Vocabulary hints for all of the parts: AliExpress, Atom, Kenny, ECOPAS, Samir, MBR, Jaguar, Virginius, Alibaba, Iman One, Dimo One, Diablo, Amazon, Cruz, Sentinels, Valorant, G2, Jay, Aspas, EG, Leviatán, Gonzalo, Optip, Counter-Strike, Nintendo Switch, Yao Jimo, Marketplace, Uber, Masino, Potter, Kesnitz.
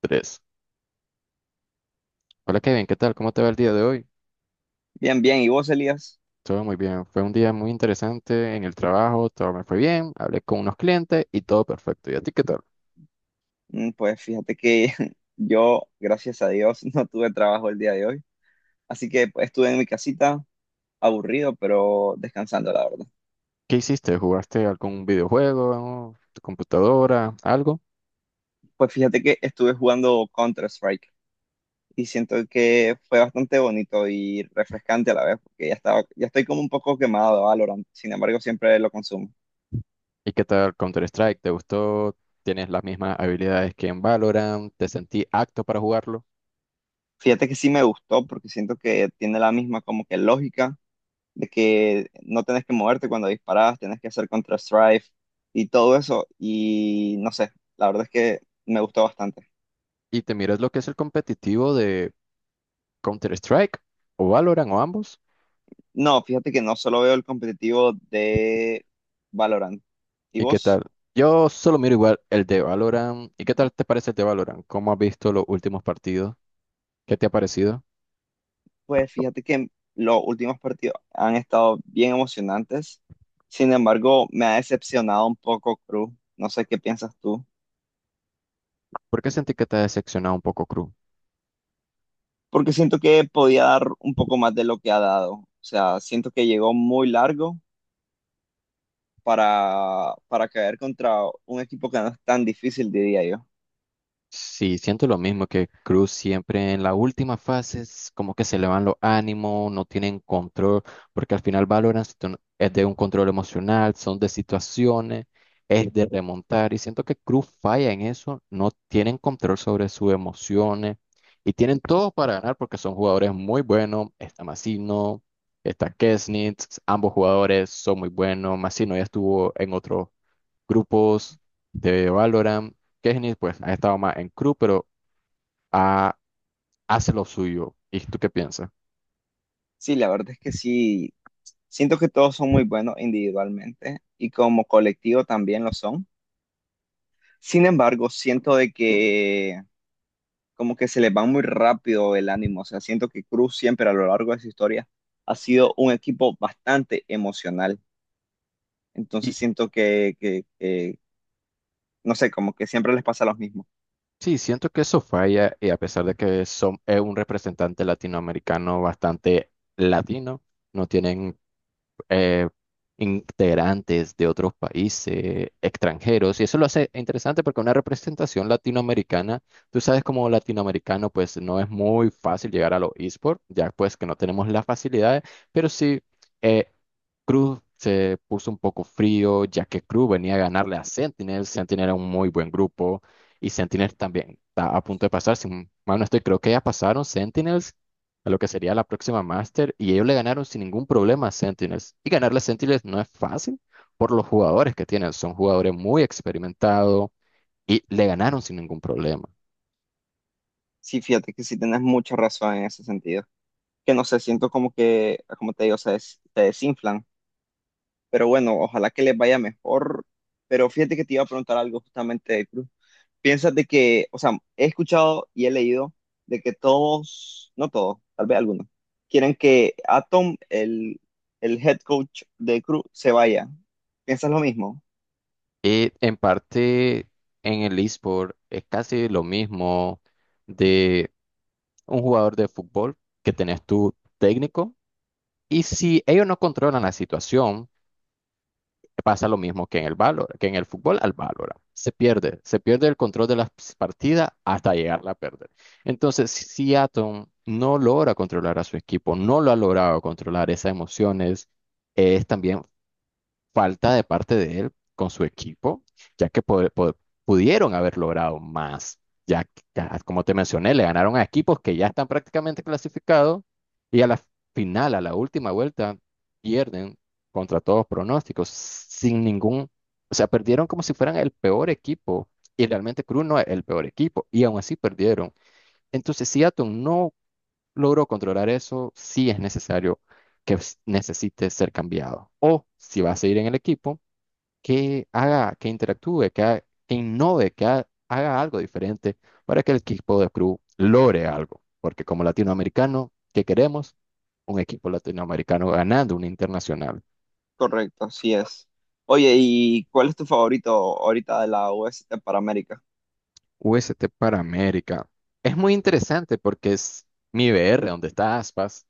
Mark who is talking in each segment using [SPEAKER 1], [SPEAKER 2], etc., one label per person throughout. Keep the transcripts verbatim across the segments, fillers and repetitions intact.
[SPEAKER 1] Tres. Hola Kevin, ¿qué tal? ¿Cómo te va el día de hoy?
[SPEAKER 2] Bien, bien. ¿Y vos, Elías?
[SPEAKER 1] Todo muy bien. Fue un día muy interesante en el trabajo, todo me fue bien, hablé con unos clientes y todo perfecto. ¿Y a ti qué tal?
[SPEAKER 2] Mm, Pues fíjate que yo, gracias a Dios, no tuve trabajo el día de hoy. Así que pues, estuve en mi casita, aburrido, pero descansando, la verdad.
[SPEAKER 1] ¿Qué hiciste? ¿Jugaste algún videojuego, tu computadora, algo?
[SPEAKER 2] Pues fíjate que estuve jugando Counter-Strike y siento que fue bastante bonito y refrescante a la vez, porque ya estaba, ya estoy como un poco quemado de Valorant. Sin embargo, siempre lo consumo.
[SPEAKER 1] ¿Y qué tal Counter-Strike? ¿Te gustó? ¿Tienes las mismas habilidades que en Valorant? ¿Te sentí apto para jugarlo?
[SPEAKER 2] Fíjate que sí me gustó porque siento que tiene la misma como que lógica de que no tenés que moverte cuando disparás, tenés que hacer contra-strike y todo eso. Y no sé, la verdad es que me gustó bastante.
[SPEAKER 1] ¿Y te miras lo que es el competitivo de Counter-Strike o Valorant o ambos?
[SPEAKER 2] No, fíjate que no solo veo el competitivo de Valorant. ¿Y
[SPEAKER 1] ¿Y qué tal?
[SPEAKER 2] vos?
[SPEAKER 1] Yo solo miro igual el de Valorant. ¿Y qué tal te parece el de Valorant? ¿Cómo has visto los últimos partidos? ¿Qué te ha parecido?
[SPEAKER 2] Pues fíjate que los últimos partidos han estado bien emocionantes. Sin embargo, me ha decepcionado un poco Cruz. No sé qué piensas tú.
[SPEAKER 1] ¿Por qué sentí que te ha decepcionado un poco, Cruz?
[SPEAKER 2] Porque siento que podía dar un poco más de lo que ha dado. O sea, siento que llegó muy largo para, para caer contra un equipo que no es tan difícil, diría yo.
[SPEAKER 1] Sí, siento lo mismo que Cruz, siempre en la última fase es como que se le van los ánimos, no tienen control, porque al final Valorant es de un es de un control emocional, son de situaciones, es de remontar, y siento que Cruz falla en eso, no tienen control sobre sus emociones, y tienen todo para ganar porque son jugadores muy buenos, está Masino, está Kesnitz, ambos jugadores son muy buenos, Masino ya estuvo en otros grupos de Valorant. Kenny, pues, ha estado más en crew, pero ha- hace lo suyo. ¿Y tú qué piensas?
[SPEAKER 2] Sí, la verdad es que sí, siento que todos son muy buenos individualmente y como colectivo también lo son. Sin embargo, siento de que como que se les va muy rápido el ánimo, o sea, siento que Cruz siempre a lo largo de su historia ha sido un equipo bastante emocional,
[SPEAKER 1] Y
[SPEAKER 2] entonces siento que, que, que no sé, como que siempre les pasa lo mismo.
[SPEAKER 1] sí, siento que eso falla, y a pesar de que son, es un representante latinoamericano bastante latino, no tienen eh, integrantes de otros países, extranjeros, y eso lo hace interesante porque una representación latinoamericana, tú sabes, como latinoamericano, pues no es muy fácil llegar a los esports, ya pues que no tenemos las facilidades, pero sí, eh, Cruz se puso un poco frío, ya que Cruz venía a ganarle a Sentinel, Sentinel era un muy buen grupo, y Sentinel también está a punto de pasar, si mal no estoy, creo que ya pasaron Sentinels, a lo que sería la próxima Master, y ellos le ganaron sin ningún problema a Sentinels. Y ganarle a Sentinels no es fácil por los jugadores que tienen, son jugadores muy experimentados y le ganaron sin ningún problema.
[SPEAKER 2] Sí, fíjate que sí tienes mucha razón en ese sentido. Que no sé, siento como que, como te digo, se, des- se desinflan. Pero bueno, ojalá que les vaya mejor. Pero fíjate que te iba a preguntar algo justamente de Cruz. Piensas de que, o sea, he escuchado y he leído de que todos, no todos, tal vez algunos, quieren que Atom, el, el head coach de Cruz, se vaya. ¿Piensas lo mismo?
[SPEAKER 1] Y en parte en el eSport es casi lo mismo de un jugador de fútbol, que tenés tu técnico, y si ellos no controlan la situación, pasa lo mismo que en el valor, que en el fútbol al Valorant. Se pierde, se pierde el control de las partidas hasta llegarla a perder. Entonces, si Seattle no logra controlar a su equipo, no lo ha logrado controlar esas emociones, es también falta de parte de él con su equipo, ya que pod- pod- pudieron haber logrado más. Ya, que- ya, como te mencioné, le ganaron a equipos que ya están prácticamente clasificados y a la final, a la última vuelta, pierden contra todos pronósticos, sin ningún, o sea, perdieron como si fueran el peor equipo y realmente Cruz no es el peor equipo y aún así perdieron. Entonces, si Seattle no logró controlar eso, sí es necesario que s- necesite ser cambiado. O si va a seguir en el equipo, que haga, que interactúe, que, ha- que innove, que ha- haga algo diferente para que el equipo de Cruz logre algo. Porque, como latinoamericano, ¿qué queremos? Un equipo latinoamericano ganando una internacional.
[SPEAKER 2] Correcto, así es. Oye, ¿y cuál es tu favorito ahorita de la U S T para América?
[SPEAKER 1] U S T para América. Es muy interesante porque es mi B R, donde está Aspas.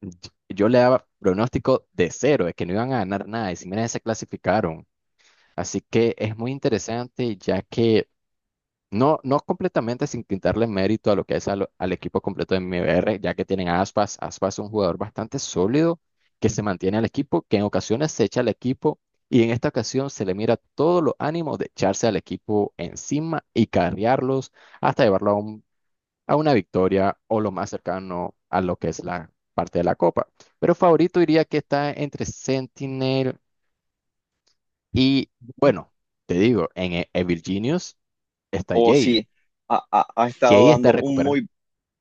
[SPEAKER 1] y- Yo le daba pronóstico de cero, de que no iban a ganar nada, y si miren, se clasificaron. Así que es muy interesante, ya que no, no completamente, sin quitarle mérito a lo que es al, al equipo completo de M B R, ya que tienen a Aspas. Aspas es un jugador bastante sólido, que se mantiene al equipo, que en ocasiones se echa al equipo, y en esta ocasión se le mira todos los ánimos de echarse al equipo encima y carrearlos hasta llevarlo a, un- a una victoria o lo más cercano a lo que es la parte de la copa. Pero favorito diría que está entre Sentinel y, bueno, te digo, en, eh, en Virginius está
[SPEAKER 2] O si
[SPEAKER 1] Jay.
[SPEAKER 2] ha, ha ha estado
[SPEAKER 1] Jay está
[SPEAKER 2] dando un
[SPEAKER 1] recuperando.
[SPEAKER 2] muy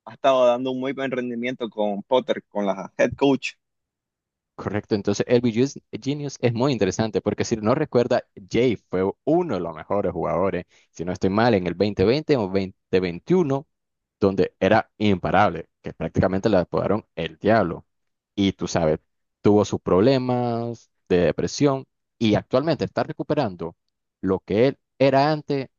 [SPEAKER 2] Ha estado dando un muy buen rendimiento con Potter, con la head coach,
[SPEAKER 1] Correcto, entonces Elby Jus- Genius es muy interesante porque, si no recuerda, Jay fue uno de los mejores jugadores, si no estoy mal, en el dos mil veinte o dos mil veintiuno, donde era imparable, que prácticamente le apodaron el diablo. Y tú sabes, tuvo sus problemas de depresión y actualmente está recuperando lo que él era antes.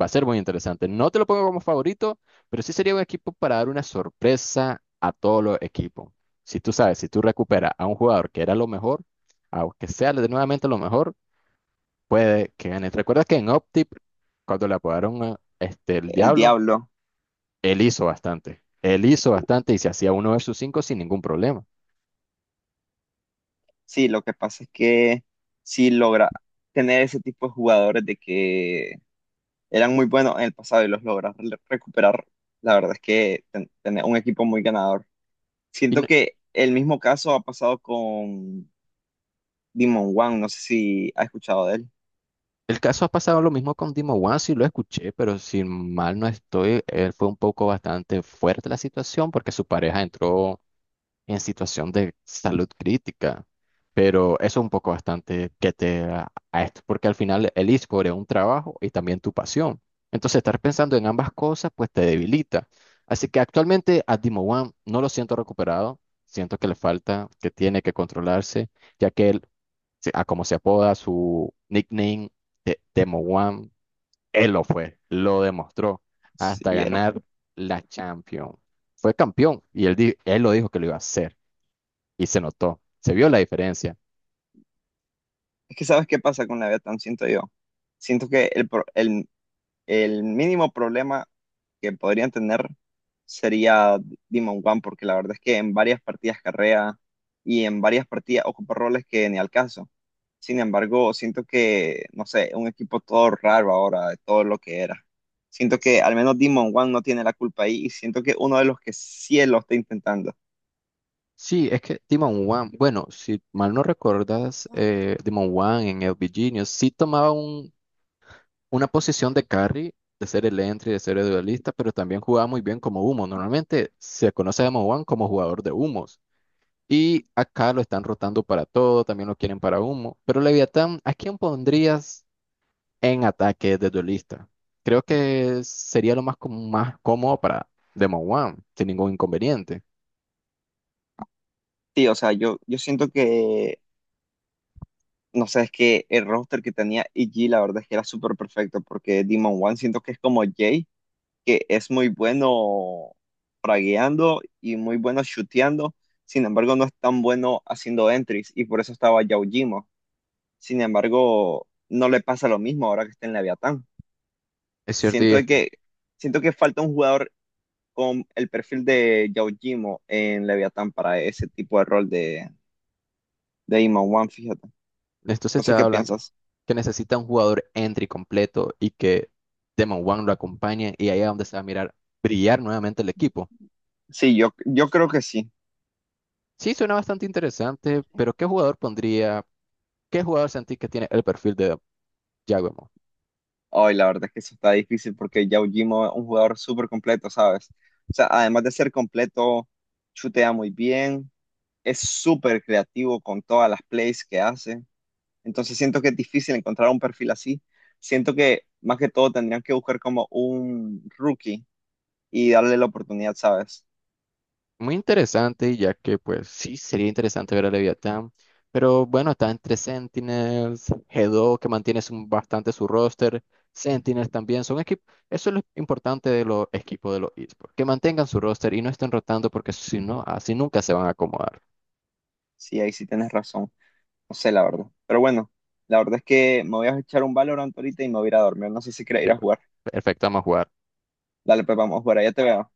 [SPEAKER 1] Va a ser muy interesante. No te lo pongo como favorito, pero sí sería un equipo para dar una sorpresa a todos los equipos. Si tú sabes, si tú recuperas a un jugador que era lo mejor, aunque sea de nuevamente lo mejor, puede que gane. Recuerda que en Optip, cuando le apodaron a, este, el
[SPEAKER 2] el
[SPEAKER 1] Diablo,
[SPEAKER 2] Diablo.
[SPEAKER 1] él hizo bastante. Él hizo bastante y se hacía uno versus cinco sin ningún problema.
[SPEAKER 2] Sí, lo que pasa es que sí logra tener ese tipo de jugadores de que eran muy buenos en el pasado y los logra re- recuperar. La verdad es que ten- tener un equipo muy ganador.
[SPEAKER 1] Y
[SPEAKER 2] Siento
[SPEAKER 1] no-
[SPEAKER 2] que el mismo caso ha pasado con Demon One, no sé si has escuchado de él.
[SPEAKER 1] el caso ha pasado lo mismo con Dimo One. Sí, lo escuché, pero si mal no estoy, él fue un poco bastante fuerte la situación porque su pareja entró en situación de salud crítica. Pero eso es un poco bastante que te a a esto, porque al final el eSport es un trabajo y también tu pasión. Entonces, estar pensando en ambas cosas, pues te debilita. Así que actualmente a Dimo One no lo siento recuperado, siento que le falta, que tiene que controlarse, ya que él, se- a como se apoda su nickname de Demo One, él lo fue, lo demostró
[SPEAKER 2] Sí,
[SPEAKER 1] hasta
[SPEAKER 2] era-
[SPEAKER 1] ganar la Champions. Fue campeón y él, di- él lo dijo que lo iba a hacer y se notó, se vio la diferencia.
[SPEAKER 2] Es que sabes qué pasa con la Tan siento yo. Siento que el, pro- el el mínimo problema que podrían tener sería Demon One, porque la verdad es que en varias partidas carrea y en varias partidas ocupa roles que ni al caso. Sin embargo, siento que, no sé, un equipo todo raro ahora de todo lo que era. Siento que
[SPEAKER 1] S-
[SPEAKER 2] al menos Demon One no tiene la culpa ahí y siento que uno de los que sí lo está intentando.
[SPEAKER 1] Sí, es que Demon One, bueno, si mal no recuerdas, eh, Demon One en el Genius sí tomaba un- una posición de carry, de ser el entry, de ser el duelista, pero también jugaba muy bien como humo. Normalmente se conoce a Demon One como jugador de humos. Y acá lo están rotando para todo, también lo quieren para humo. Pero Leviatán, ¿a quién pondrías en ataque de duelista? Creo que sería lo más, com- más cómodo para Demon One, sin ningún inconveniente.
[SPEAKER 2] Sí, o sea, yo, yo siento que, no sé, es que el roster que tenía E G la verdad es que era súper perfecto porque Demon One siento que es como Jay que es muy bueno fragueando y muy bueno chuteando, sin embargo no es tan bueno haciendo entries y por eso estaba Yao. Sin embargo, no le pasa lo mismo ahora que está en Leviatán.
[SPEAKER 1] Es cierto, y
[SPEAKER 2] Siento de
[SPEAKER 1] este.
[SPEAKER 2] que, Siento que falta un jugador con el perfil de Yao en Leviatán para ese tipo de rol de, de Iman One, fíjate.
[SPEAKER 1] De esto se
[SPEAKER 2] No sé
[SPEAKER 1] estaba
[SPEAKER 2] qué
[SPEAKER 1] hablando.
[SPEAKER 2] piensas.
[SPEAKER 1] Que necesita un jugador entry completo y que Demon One lo acompañe y ahí es donde se va a mirar brillar nuevamente el equipo.
[SPEAKER 2] Sí, yo, yo creo que sí.
[SPEAKER 1] Sí, suena bastante interesante, pero ¿qué jugador pondría? ¿Qué jugador sentís que tiene el perfil de Jaguar?
[SPEAKER 2] Hoy la verdad es que sí está difícil porque Yao Jimo es un jugador súper completo, ¿sabes? O sea, además de ser completo, chutea muy bien, es súper creativo con todas las plays que hace. Entonces siento que es difícil encontrar un perfil así. Siento que más que todo tendrían que buscar como un rookie y darle la oportunidad, ¿sabes?
[SPEAKER 1] Muy interesante, ya que pues sí, sería interesante ver a Leviatán. Pero bueno, está entre Sentinels, G dos, que mantiene su- bastante su roster, Sentinels también, son equipos, eso es lo importante de los equipos de los esports, que mantengan su roster y no estén rotando porque si no, así nunca se van a acomodar,
[SPEAKER 2] Sí, ahí sí tienes razón. No sé, la verdad. Pero bueno, la verdad es que me voy a echar un Valorant ahorita y me voy a ir a dormir. No sé si querés
[SPEAKER 1] que
[SPEAKER 2] ir a jugar.
[SPEAKER 1] perfecto, vamos a jugar.
[SPEAKER 2] Dale, pues vamos a jugar, allá te veo.